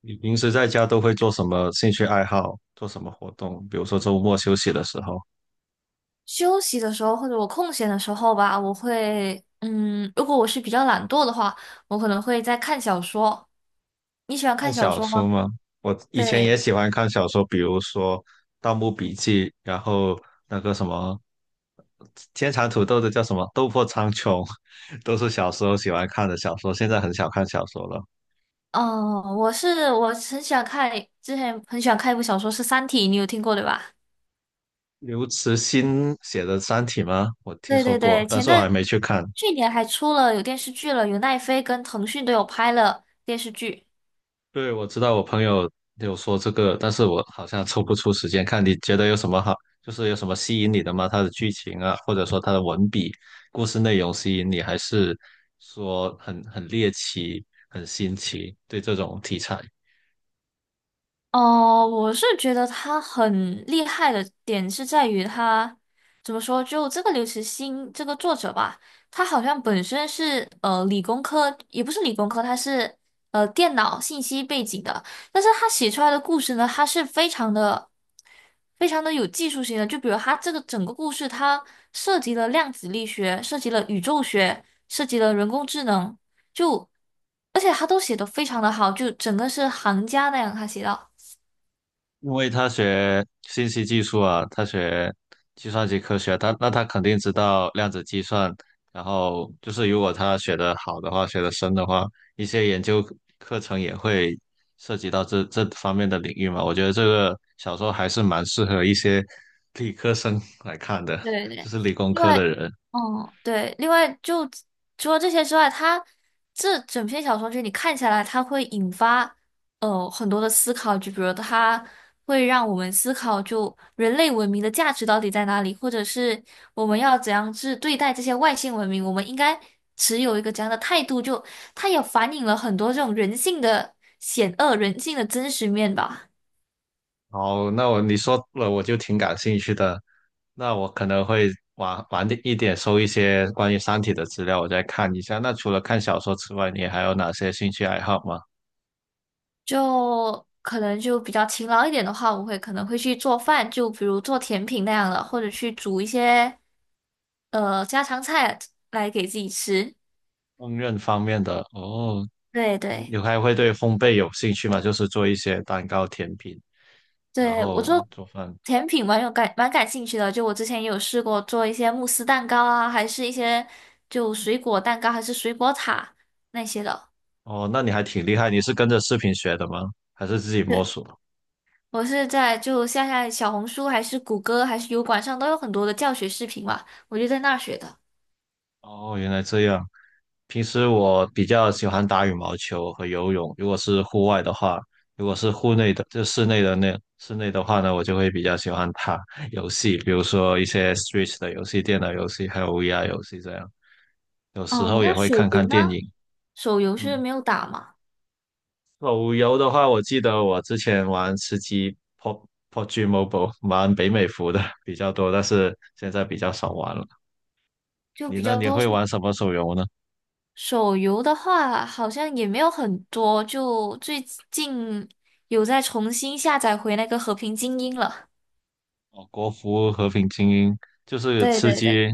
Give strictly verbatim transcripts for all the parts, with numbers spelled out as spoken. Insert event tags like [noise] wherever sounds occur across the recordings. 你平时在家都会做什么兴趣爱好，做什么活动？比如说周末休息的时候，休息的时候或者我空闲的时候吧，我会，嗯，如果我是比较懒惰的话，我可能会在看小说。你喜欢看看小小说吗？说吗？我以前也对，喜欢看小说，比如说《盗墓笔记》，然后那个什么天蚕土豆的叫什么《斗破苍穹》，[laughs] 都是小时候喜欢看的小说，现在很少看小说了。哦，我是我很喜欢看，之前很喜欢看一部小说是《三体》，你有听过对吧？刘慈欣写的《三体》吗？我听对说对过，对，但前是我还段没去看。去年还出了有电视剧了，有奈飞跟腾讯都有拍了电视剧。对，我知道我朋友有说这个，但是我好像抽不出时间看。你觉得有什么好，就是有什么吸引你的吗？他的剧情啊，或者说他的文笔、故事内容吸引你，还是说很很猎奇、很新奇？对这种题材，哦，我是觉得他很厉害的点是在于他怎么说，就这个刘慈欣这个作者吧，他好像本身是呃理工科，也不是理工科，他是呃电脑信息背景的，但是他写出来的故事呢，他是非常的非常的有技术性的，就比如他这个整个故事，它涉及了量子力学，涉及了宇宙学，涉及了人工智能，就而且他都写得非常的好，就整个是行家那样他写到。因为他学信息技术啊，他学计算机科学，他那他肯定知道量子计算。然后就是，如果他学得好的话，学得深的话，一些研究课程也会涉及到这这方面的领域嘛。我觉得这个小说还是蛮适合一些理科生来看的，对对就对，是理工另科外，的人。嗯，对，另外就除了这些之外，它这整篇小说就你看下来，它会引发呃很多的思考，就比如它会让我们思考，就人类文明的价值到底在哪里，或者是我们要怎样去对待这些外星文明，我们应该持有一个怎样的态度，就它也反映了很多这种人性的险恶、人性的真实面吧。哦，那我你说了，我就挺感兴趣的。那我可能会晚晚点一点收一些关于《三体》的资料，我再看一下。那除了看小说之外，你还有哪些兴趣爱好吗？就可能就比较勤劳一点的话，我会可能会去做饭，就比如做甜品那样的，或者去煮一些呃家常菜来给自己吃。烹饪方面的哦，对你对你还会对烘焙有兴趣吗？就是做一些蛋糕、甜品，然对，我后做做饭。甜品蛮有感蛮感兴趣的，就我之前也有试过做一些慕斯蛋糕啊，还是一些就水果蛋糕，还是水果塔那些的。哦，那你还挺厉害，你是跟着视频学的吗？还是自己摸对，索？我是在就现在小红书，还是谷歌，还是油管上都有很多的教学视频嘛，我就在那儿学的。哦，原来这样。平时我比较喜欢打羽毛球和游泳，如果是户外的话，如果是户内的，就室内的那室内的话呢，我就会比较喜欢打 [laughs] 游戏，比如说一些 Switch 的游戏、电脑游戏，还有 V R 游戏这样。有时哦，候也那会水看看壶呢？电影。手游是嗯，没有打嘛，手游的话，我记得我之前玩吃鸡 PUB p U B g Mobile，玩北美服的 [laughs] 比较多，但是现在比较少玩了。就你比呢？较你多会是。玩什么手游呢？手游的话，好像也没有很多，就最近有在重新下载回那个《和平精英》了。哦，国服和平精英就是对吃对对，鸡，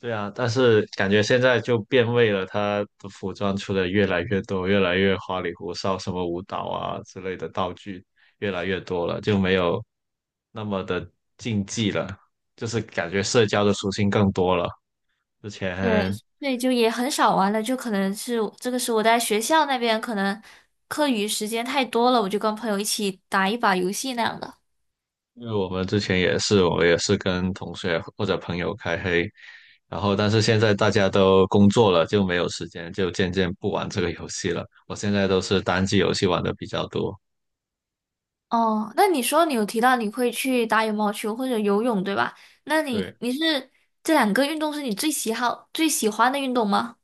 对啊，但是感觉现在就变味了，它的服装出的越来越多，越来越花里胡哨，什么舞蹈啊之类的道具越来越多了，就没有那么的竞技了，就是感觉社交的属性更多了。之对，前对，就也很少玩了，就可能是这个是我在学校那边，可能课余时间太多了，我就跟朋友一起打一把游戏那样的。因为我们之前也是，我也是跟同学或者朋友开黑，然后但是现在大家都工作了，就没有时间，就渐渐不玩这个游戏了。我现在都是单机游戏玩的比较多。哦，那你说你有提到你会去打羽毛球或者游泳，对吧？那你对。你是这两个运动是你最喜好最喜欢的运动吗？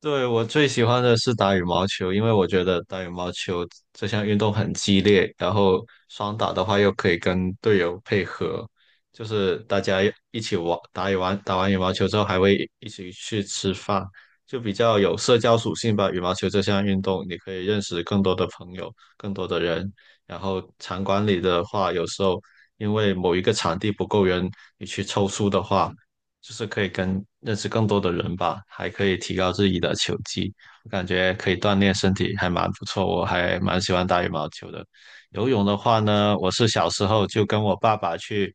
对，我最喜欢的是打羽毛球，因为我觉得打羽毛球这项运动很激烈，然后双打的话又可以跟队友配合，就是大家一起玩，打羽完打完羽毛球之后还会一起去吃饭，就比较有社交属性吧。羽毛球这项运动，你可以认识更多的朋友，更多的人。然后场馆里的话，有时候因为某一个场地不够人，你去凑数的话。就是可以跟认识更多的人吧，还可以提高自己的球技，我感觉可以锻炼身体，还蛮不错。我还蛮喜欢打羽毛球的。游泳的话呢，我是小时候就跟我爸爸去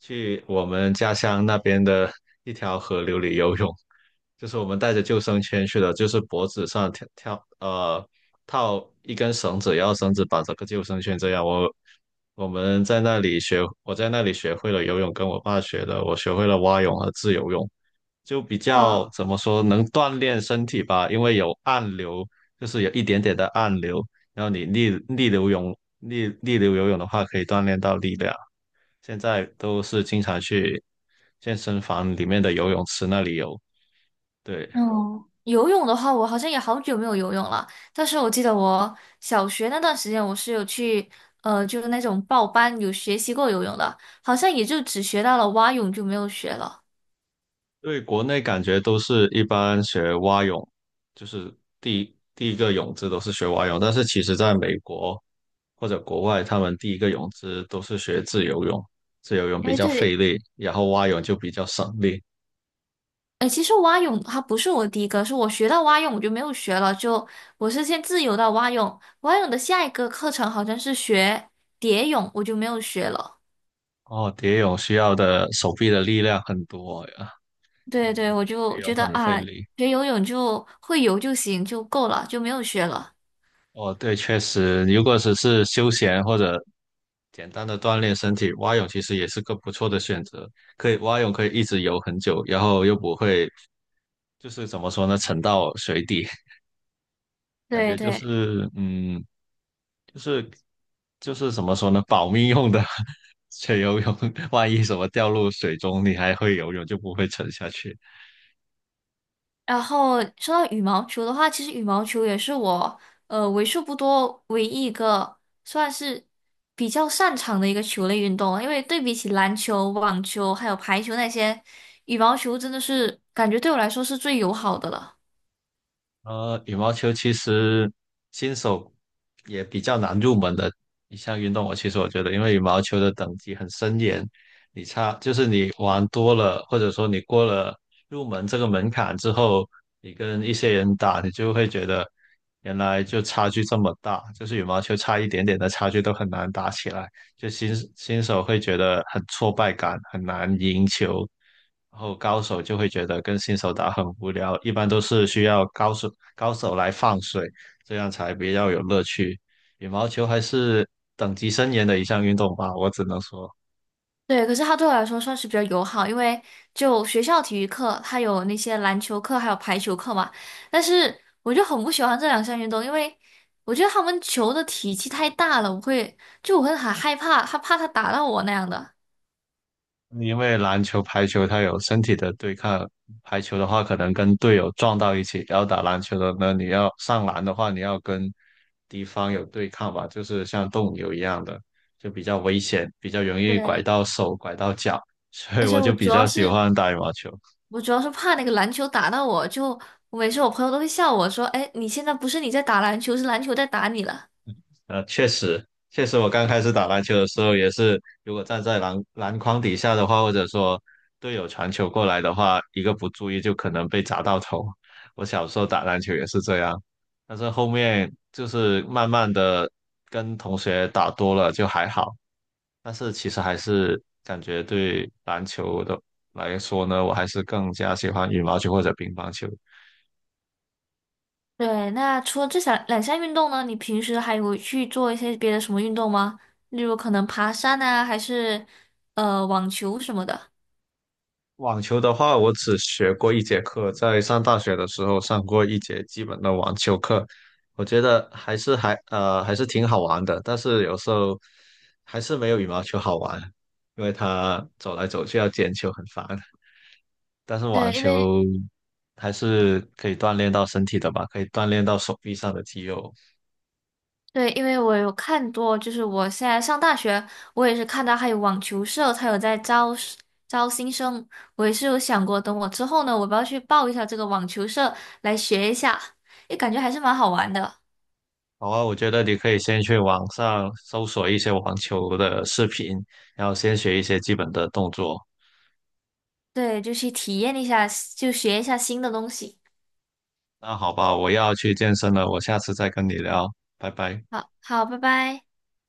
去我们家乡那边的一条河流里游泳，就是我们带着救生圈去的，就是脖子上跳跳呃套一根绳子，然后绳子绑着个救生圈这样。我我们在那里学，我在那里学会了游泳，跟我爸学的，我学会了蛙泳和自由泳，就比较哇怎么说能锻炼身体吧，因为有暗流，就是有一点点的暗流，然后你逆逆流泳逆逆流游泳的话，可以锻炼到力量。现在都是经常去健身房里面的游泳池那里游，对。嗯，游泳的话，我好像也好久没有游泳了。但是我记得我小学那段时间，我是有去，呃，就是那种报班有学习过游泳的，好像也就只学到了蛙泳，就没有学了。对，国内感觉都是一般学蛙泳，就是第一第一个泳姿都是学蛙泳，但是其实在美国或者国外，他们第一个泳姿都是学自由泳，自由泳比哎，较对，费力，然后蛙泳就比较省力。哎，其实蛙泳它不是我第一个，是我学到蛙泳我就没有学了，就我是先自由到蛙泳，蛙泳的下一个课程好像是学蝶泳，我就没有学了。哦，蝶泳需要的手臂的力量很多呀，对，对对，我蝶就泳觉得很费啊，力。学游泳就会游就行，就够了，就没有学了。哦，对，确实，如果只是休闲或者简单的锻炼身体，蛙泳其实也是个不错的选择。可以蛙泳可以一直游很久，然后又不会就是怎么说呢，沉到水底，[laughs] 感对觉就对。是嗯，就是就是怎么说呢，保命用的 [laughs] 学游泳，万一什么掉入水中，你还会游泳，就不会沉下去。然后说到羽毛球的话，其实羽毛球也是我呃为数不多唯一一个算是比较擅长的一个球类运动，因为对比起篮球、网球还有排球那些，羽毛球真的是感觉对我来说是最友好的了。呃，羽毛球其实新手也比较难入门的一项运动。我其实我觉得，因为羽毛球的等级很森严，你差就是你玩多了，或者说你过了入门这个门槛之后，你跟一些人打，你就会觉得原来就差距这么大，就是羽毛球差一点点的差距都很难打起来，就新新手会觉得很挫败感，很难赢球。然后高手就会觉得跟新手打很无聊，一般都是需要高手高手来放水，这样才比较有乐趣。羽毛球还是等级森严的一项运动吧，我只能说，对，可是他对我来说算是比较友好，因为就学校体育课，他有那些篮球课，还有排球课嘛。但是我就很不喜欢这两项运动，因为我觉得他们球的体积太大了，我会就我会很害怕，他怕他打到我那样的。因为篮球、排球它有身体的对抗，排球的话可能跟队友撞到一起，然后打篮球的呢，你要上篮的话，你要跟敌方有对抗吧，就是像斗牛一样的，就比较危险，比较容易拐对，到手、拐到脚，所以而且我就我主比要较喜是欢打羽毛球。我主要是怕那个篮球打到我，就我每次我朋友都会笑我说："哎，你现在不是你在打篮球，是篮球在打你了。"呃，确实，确实，我刚开始打篮球的时候也是，如果站在篮篮筐底下的话，或者说队友传球过来的话，一个不注意就可能被砸到头。我小时候打篮球也是这样，但是后面就是慢慢的跟同学打多了就还好，但是其实还是感觉对篮球的来说呢，我还是更加喜欢羽毛球或者乒乓球。对，那除了这项两项运动呢，你平时还有去做一些别的什么运动吗？例如可能爬山啊，还是呃网球什么的。网球的话，我只学过一节课，在上大学的时候上过一节基本的网球课，我觉得还是还呃还是挺好玩的，但是有时候还是没有羽毛球好玩，因为它走来走去要捡球很烦。但是网对，因为球还是可以锻炼到身体的吧，可以锻炼到手臂上的肌肉。对，因为我有看多，就是我现在上大学，我也是看到还有网球社，它有在招招新生，我也是有想过，等我之后呢，我要不要去报一下这个网球社来学一下，也感觉还是蛮好玩的。好啊，我觉得你可以先去网上搜索一些网球的视频，然后先学一些基本的动作。对，就去体验一下，就学一下新的东西。那好吧，我要去健身了，我下次再跟你聊，拜拜。好，好，拜拜。